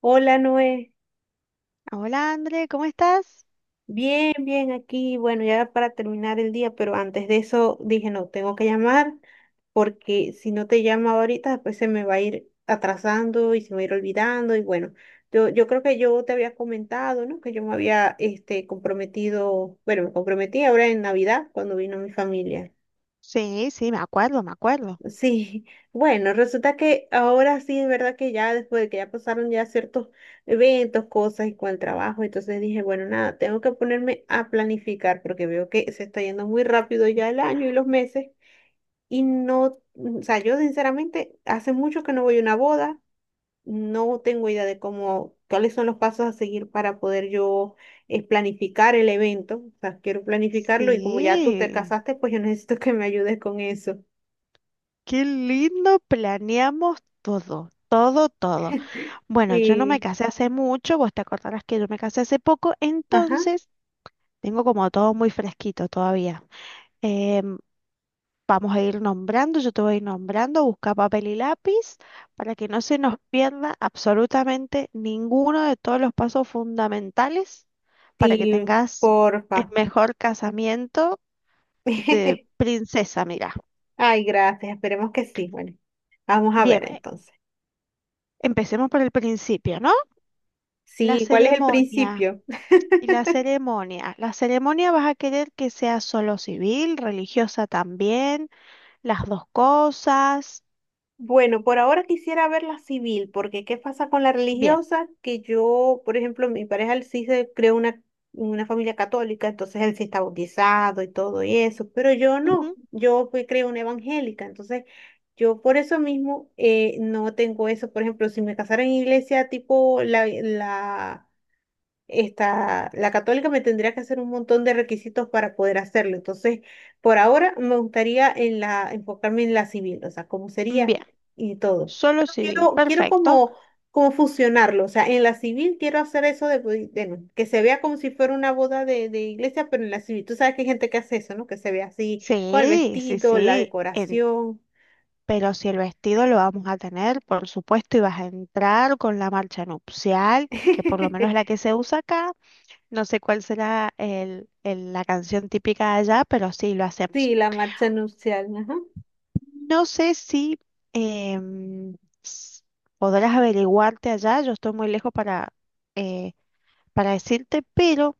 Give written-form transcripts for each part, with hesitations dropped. Hola Noé, Hola, André, ¿cómo estás? bien, bien aquí. Bueno, ya para terminar el día, pero antes de eso dije, no, tengo que llamar porque si no te llamo ahorita, después se me va a ir atrasando y se me va a ir olvidando. Y bueno, yo creo que yo te había comentado, ¿no? Que yo me había comprometido, bueno, me comprometí ahora en Navidad cuando vino mi familia. Sí, sí, me acuerdo, me acuerdo. Sí, bueno, resulta que ahora sí es verdad que ya después de que ya pasaron ya ciertos eventos, cosas y con el trabajo, entonces dije, bueno, nada, tengo que ponerme a planificar porque veo que se está yendo muy rápido ya el año y los meses y no, o sea, yo sinceramente hace mucho que no voy a una boda, no tengo idea de cómo, cuáles son los pasos a seguir para poder yo planificar el evento, o sea, quiero planificarlo y como ya tú te Sí, casaste, pues yo necesito que me ayudes con eso. qué lindo, planeamos todo, todo, todo. Bueno, yo no me Sí. casé hace mucho, vos te acordarás que yo me casé hace poco, Ajá, entonces tengo como todo muy fresquito todavía. Em, Vamos a ir nombrando, yo te voy a ir nombrando, busca papel y lápiz para que no se nos pierda absolutamente ninguno de todos los pasos fundamentales para que sí, tengas el porfa. mejor casamiento de princesa, mira. Ay, gracias, esperemos que sí. Bueno, vamos a Bien, ver eh, entonces. Empecemos por el principio, ¿no? La Sí, ¿cuál es el ceremonia. principio? Y la ceremonia. La ceremonia vas a querer que sea solo civil, religiosa también, las dos cosas. Bueno, por ahora quisiera ver la civil, porque ¿qué pasa con la Bien. religiosa? Que yo, por ejemplo, mi pareja él sí se creó una familia católica, entonces él sí está bautizado y todo y eso, pero yo Ujú. no, yo fui creo una evangélica, entonces yo por eso mismo no tengo eso. Por ejemplo, si me casara en iglesia tipo la esta, la católica me tendría que hacer un montón de requisitos para poder hacerlo. Entonces, por ahora me gustaría en la, enfocarme en la civil, o sea, cómo sería Bien. y todo. Solo Pero civil. quiero Perfecto. como, como fusionarlo, o sea, en la civil quiero hacer eso de, pues, bueno, que se vea como si fuera una boda de iglesia, pero en la civil. Tú sabes que hay gente que hace eso, ¿no? Que se ve así, con el Sí, sí, vestido, la sí. Decoración. Pero si el vestido lo vamos a tener, por supuesto, y vas a entrar con la marcha nupcial, que por lo menos es la que se usa acá. No sé cuál será la canción típica de allá, pero sí, lo hacemos. Sí, la marcha nupcial, ajá. No sé si em, s- podrás averiguarte allá, yo estoy muy lejos eh, para decirte, pero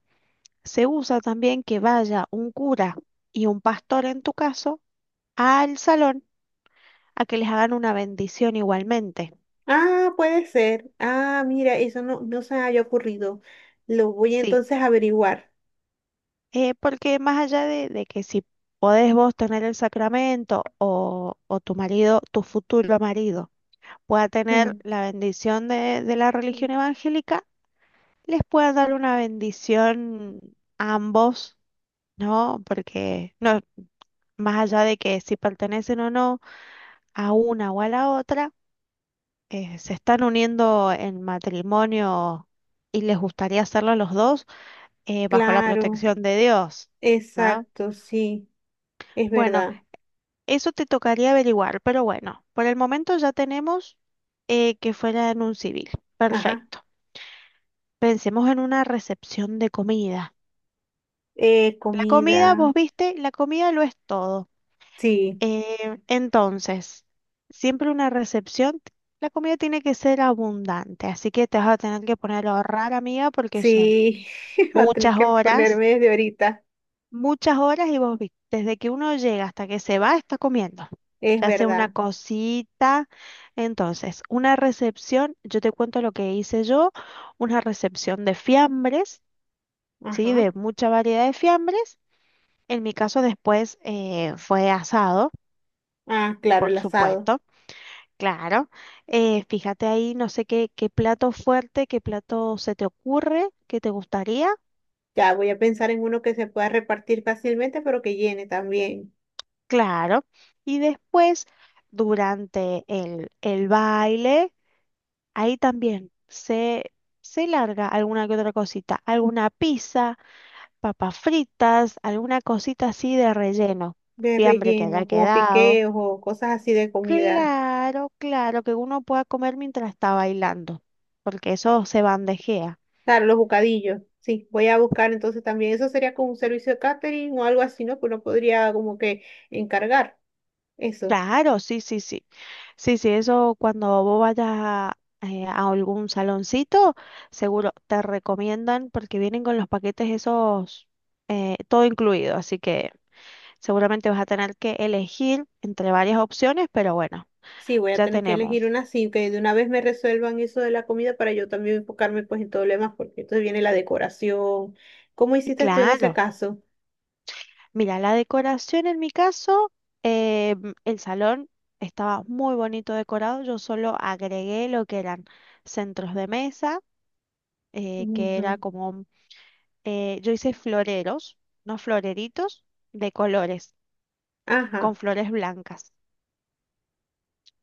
se usa también que vaya un cura y un pastor en tu caso al salón a que les hagan una bendición igualmente. Ah, puede ser. Ah, mira, eso no, no se me había ocurrido. Lo voy Sí, entonces a averiguar. Porque más allá de que si podés vos tener el sacramento o tu marido, tu futuro marido, pueda tener Ujú. la bendición de la religión evangélica, les pueda dar una bendición a ambos, ¿no? Porque no, más allá de que si pertenecen o no a una o a la otra, se están uniendo en matrimonio y les gustaría hacerlo a los dos bajo la Claro, protección de Dios, ¿no? exacto, sí, es Bueno, verdad. eso te tocaría averiguar, pero bueno, por el momento ya tenemos que fuera en un civil. Ajá. Perfecto. Pensemos en una recepción de comida. La comida, Comida. vos viste, la comida lo es todo. Sí, Entonces, siempre una recepción, la comida tiene que ser abundante, así que te vas a tener que poner a ahorrar, amiga, porque son sí, va a tener muchas que horas, ponerme desde ahorita. muchas horas y vos viste, desde que uno llega hasta que se va, está comiendo. Es Ya sea una verdad. cosita. Entonces, una recepción, yo te cuento lo que hice yo, una recepción de fiambres, ¿sí? Ajá. De mucha variedad de fiambres. En mi caso después fue asado, Ah, claro, el asado. supuesto, claro. Fíjate ahí, no sé qué, qué plato fuerte, qué plato se te ocurre, qué te gustaría, Ya voy a pensar en uno que se pueda repartir fácilmente, pero que llene también. claro. Y después, durante el baile. Ahí también se larga alguna que otra cosita, alguna pizza, papas fritas, alguna cosita así de relleno, De fiambre que haya relleno, como quedado. piqueos o cosas así de comida. Claro, claro, que uno pueda comer mientras está bailando, porque eso se bandejea. Claro, los bocadillos. Sí, voy a buscar entonces también. Eso sería como un servicio de catering o algo así, ¿no? Que uno podría como que encargar eso. Claro, sí, sí, sí. Sí, sí, eso cuando vos vayas a algún saloncito, seguro te recomiendan porque vienen con los paquetes esos, todo incluido, así que... Seguramente vas a tener que elegir entre varias opciones, pero bueno, Sí, voy a ya tener que elegir tenemos. una así, que de una vez me resuelvan eso de la comida para yo también enfocarme pues en todo lo demás, porque entonces viene la decoración. ¿Cómo hiciste tú en ese Claro, caso? mira, la decoración en mi caso, eh, el salón estaba muy bonito decorado. Yo solo agregué lo que eran centros de mesa, que Ujú. era como, yo hice floreros, no floreritos de colores, con Ajá. flores blancas.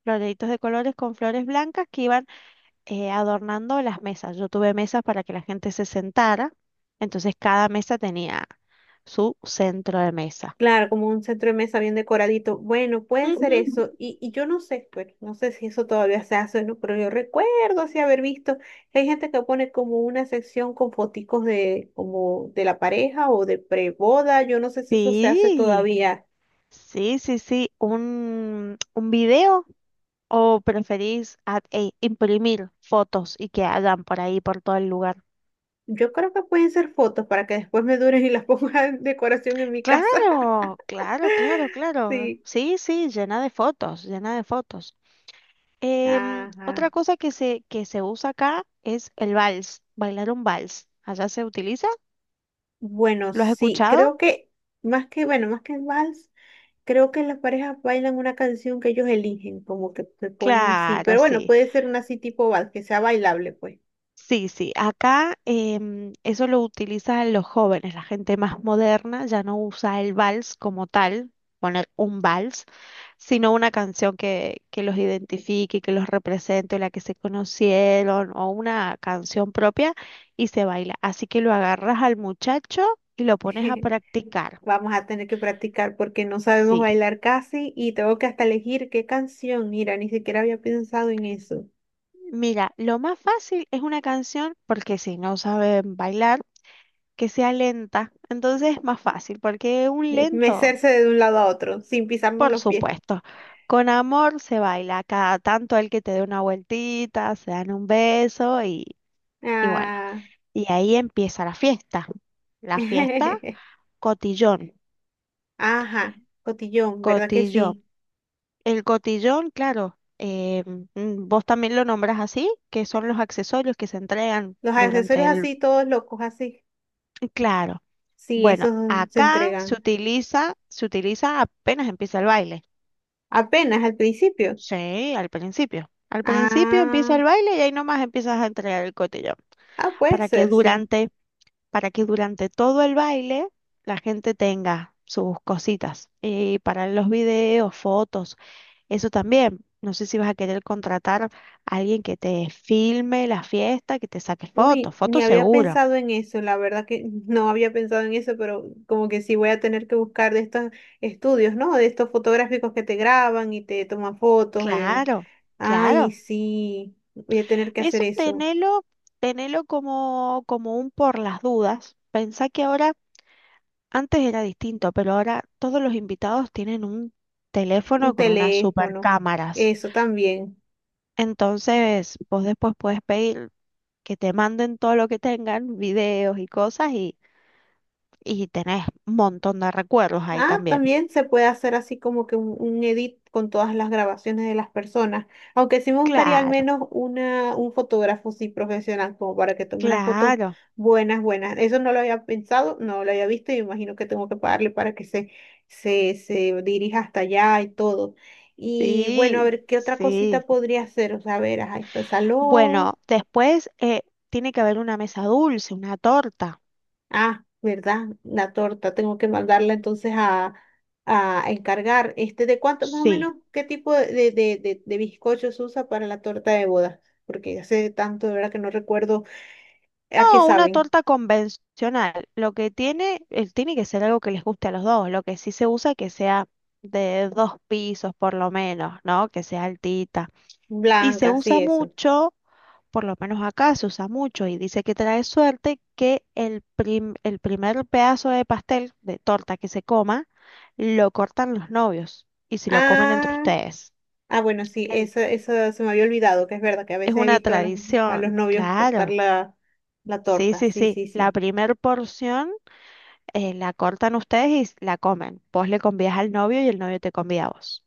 Floreritos de colores con flores blancas que iban adornando las mesas. Yo tuve mesas para que la gente se sentara, entonces cada mesa tenía su centro de mesa. Claro, como un centro de mesa bien decoradito. Bueno, puede ser Ujú. eso. Y yo no sé, bueno, no sé si eso todavía se hace, ¿no? Pero yo recuerdo así haber visto que hay gente que pone como una sección con foticos de, como de la pareja o de preboda. Yo no sé si eso se hace Sí, todavía. sí, sí, sí. Un video o preferís imprimir fotos y que hagan por ahí, por todo el lugar? Yo creo que pueden ser fotos para que después me duren y las ponga en decoración en mi casa. Claro, claro, claro, claro. Sí. Sí, sí, llena de fotos, llena de fotos. Otra Ajá. cosa que se usa acá es el vals, bailar un vals. ¿Allá se utiliza? Bueno, ¿Lo has sí, escuchado? creo que más que, bueno, más que el vals. Creo que las parejas bailan una canción que ellos eligen, como que se ponen así. Claro, Pero bueno, sí. puede ser una así tipo vals, que sea bailable, pues. Sí, sí. Acá eso lo utilizan los jóvenes, la gente más moderna ya no usa el vals como tal, poner un vals, sino una canción que los identifique, que los represente, la que se conocieron o una canción propia y se baila. Así que lo agarras al muchacho y lo pones a practicar. Vamos a tener que practicar porque no sabemos Sí. bailar casi y tengo que hasta elegir qué canción. Mira, ni siquiera había pensado en eso. Mira, lo más fácil es una canción, porque si no saben bailar, que sea lenta. Entonces es más fácil, porque un lento, Mecerse de un lado a otro sin pisarnos por los pies. supuesto. Con amor se baila, cada tanto el que te dé una vueltita, se dan un beso y bueno. Ah. Y ahí empieza la fiesta. La fiesta, cotillón, Ajá, cotillón, ¿verdad que cotillón. sí? El cotillón, claro, vos también lo nombras así, que son los accesorios que se entregan Los durante accesorios el... así, todos locos así. Claro. Sí, Bueno, esos se acá entregan se utiliza apenas empieza el baile. apenas al principio. Sí, al principio. Al principio empieza Ah. el baile y ahí nomás empiezas a entregar el cotillón. Ah, puede Para que ser, sí. durante, para que durante todo el baile la gente tenga sus cositas. Y para los videos, fotos, eso también. No sé si vas a querer contratar a alguien que te filme la fiesta, que te saque fotos, Uy, ni fotos había seguro. pensado en eso, la verdad que no había pensado en eso, pero como que sí voy a tener que buscar de estos estudios, ¿no? De estos fotográficos que te graban y te toman fotos. En... Claro, Ay, claro. sí, voy a tener que hacer Eso eso. tenelo, tenelo como, como un por las dudas. Pensá que ahora, antes era distinto, pero ahora todos los invitados tienen un teléfono Un con unas super teléfono, cámaras. eso también. Entonces, vos después podés pedir que te manden todo lo que tengan, videos y cosas, y tenés un montón de recuerdos ahí Ah, también. también se puede hacer así como que un edit con todas las grabaciones de las personas. Aunque sí me gustaría al Claro, menos una, un fotógrafo sí profesional, como para que tome unas fotos claro, buenas, buenas. Eso no lo había pensado, no lo había visto y me imagino que tengo que pagarle para que se dirija hasta allá y todo. Y bueno, a sí, ver, ¿qué otra cosita sí. podría hacer? O sea, a ver, ahí está el salón. Bueno, después tiene que haber una mesa dulce, una torta. Ah, ¿verdad? La torta, tengo que mandarla entonces a encargar. Este, ¿de cuánto más o Sí. menos qué tipo de bizcocho usa para la torta de boda? Porque hace tanto, de verdad, que no recuerdo a qué No, una saben. torta convencional. Lo que tiene, tiene que ser algo que les guste a los dos. Lo que sí se usa que sea de dos pisos por lo menos, ¿no? Que sea altita. Y se Blanca, sí, usa eso. mucho, por lo menos acá se usa mucho y dice que trae suerte que el primer pedazo de pastel, de torta que se coma, lo cortan los novios y se lo comen entre Ah, ustedes. ah, bueno, sí, En- eso se me había olvidado, que es verdad que a Es veces he una visto a los tradición, novios cortar claro. la, la Sí, torta. sí, Sí, sí. sí, La sí. primer porción la cortan ustedes y la comen. Vos le convías al novio y el novio te convida a vos.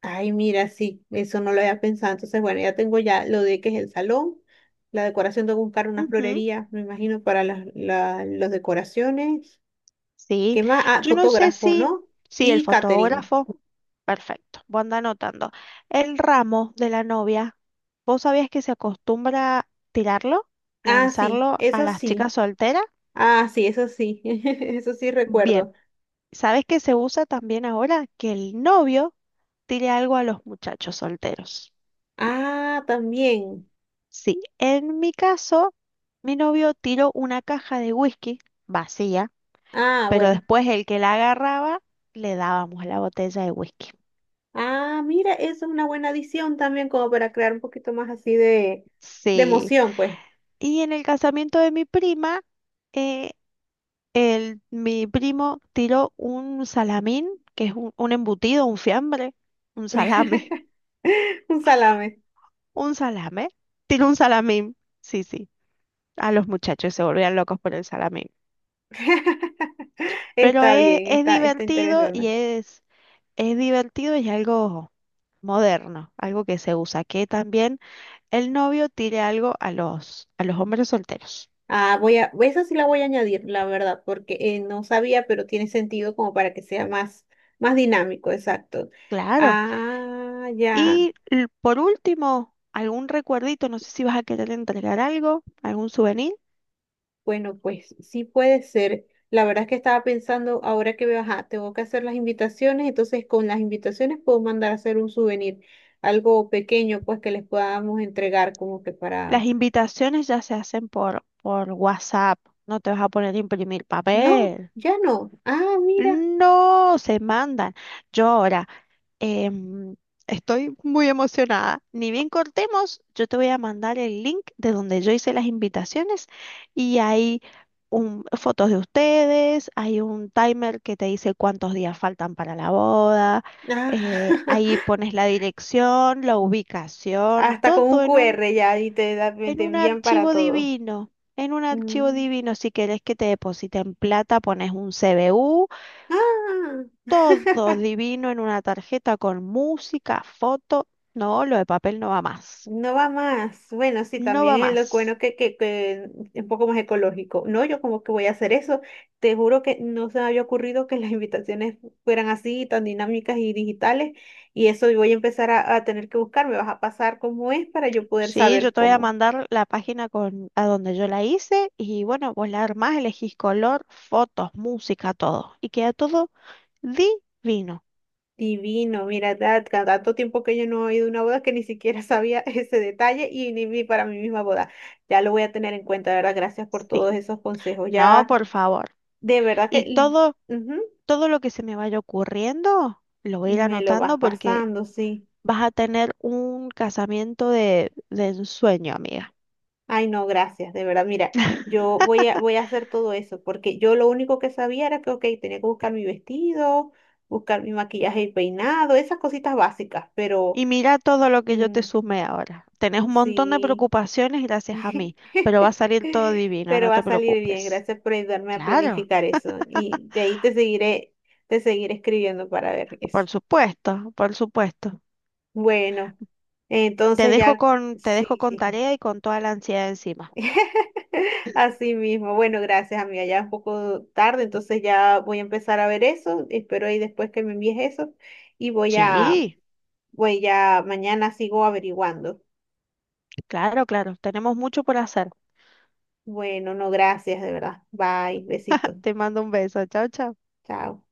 Ay, mira, sí, eso no lo había pensado. Entonces, bueno, ya tengo ya lo de que es el salón, la decoración, tengo que buscar una Ujú. florería, me imagino, para las las decoraciones. Sí, ¿Qué más? Ah, yo no sé fotógrafo, si, ¿no? si el Y catering. fotógrafo, perfecto, vos anda anotando. El ramo de la novia, ¿vos sabías que se acostumbra tirarlo, Ah, sí, lanzarlo a eso las sí. chicas solteras? Ah, sí, eso sí. Eso sí Bien, recuerdo. ¿sabes que se usa también ahora? Que el novio tire algo a los muchachos solteros. Ah, también. Sí, en mi caso, mi novio tiró una caja de whisky vacía, Ah, pero bueno. después el que la agarraba, le dábamos la botella de whisky. Ah, mira, eso es una buena adición también, como para crear un poquito más así de Sí. emoción, pues. Y en el casamiento de mi prima, eh, el, mi primo tiró un salamín, que es un embutido, un fiambre, un salame, Un salame. un salame. Tiró un salamín, sí, sí. A los muchachos se volvían locos por el salamín. Pero Está bien, es está, está divertido y interesante. Es divertido y es algo moderno, algo que se usa, que también el novio tire algo a los hombres solteros. Ah, voy a, esa sí la voy a añadir, la verdad, porque no sabía, pero tiene sentido como para que sea más, más dinámico, exacto. Claro. Ah, ya. Por último, algún recuerdito, no sé si vas a querer entregar algo, algún souvenir. Bueno, pues sí puede ser. La verdad es que estaba pensando, ahora que veo, ajá, tengo que hacer las invitaciones, entonces con las invitaciones puedo mandar a hacer un souvenir, algo pequeño, pues que les podamos entregar como que Las para... invitaciones ya se hacen por WhatsApp, no te vas a poner a imprimir No, papel. ya no. Ah, mira. No, se mandan. Yo ahora Em, estoy muy emocionada. Ni bien cortemos, yo te voy a mandar el link de donde yo hice las invitaciones y hay fotos de ustedes, hay un timer que te dice cuántos días faltan para la boda, Ah, ahí pones la dirección, la ubicación, hasta con un todo QR ya y te, en te un envían para archivo todo. divino. En un archivo Mm. divino, si querés que te depositen plata, pones un CBU, Ah, todo divino en una tarjeta con música, foto. No, lo de papel no va más. no va más. Bueno, sí, No también va es lo más. bueno que es un poco más ecológico. No, yo como que voy a hacer eso. Te juro que no se me había ocurrido que las invitaciones fueran así, tan dinámicas y digitales. Y eso voy a empezar a tener que buscar. Me vas a pasar cómo es para yo poder Sí, yo saber te voy a cómo. mandar la página con, a donde yo la hice y bueno, vos la armás, elegís color, fotos, música, todo. Y queda todo divino. Divino, mira, tanto tiempo que yo no he ido a una boda que ni siquiera sabía ese detalle y ni vi para mi misma boda. Ya lo voy a tener en cuenta, de verdad. Gracias por Sí. todos esos consejos. No, Ya, por favor. de verdad que... Y todo, ujú. todo lo que se me vaya ocurriendo, lo voy a ir Me lo vas anotando porque pasando, sí. vas a tener un casamiento de ensueño, amiga. Ay, no, gracias, de verdad. Mira, voy a hacer todo eso, porque yo lo único que sabía era que, ok, tenía que buscar mi vestido, buscar mi maquillaje y peinado, esas cositas básicas, pero Y mira todo lo que yo mm, te sumé ahora. Tenés un montón de sí. preocupaciones gracias a mí, pero va a salir todo divino, Pero no va te a salir bien, preocupes. gracias por ayudarme a Claro, planificar eso. Y de ahí te seguiré escribiendo para ver eso. por supuesto, por supuesto. Bueno, entonces ya, Te dejo sí, con sí. tarea y con toda la ansiedad encima. Así mismo. Bueno, gracias, amiga. Ya es un poco tarde, entonces ya voy a empezar a ver eso. Espero ahí después que me envíes eso. Y voy a, Sí, voy ya, mañana sigo averiguando. claro, claro. Tenemos mucho por hacer. Bueno, no, gracias, de verdad. Bye, besitos. Te mando un beso. Chao, chao. Chao.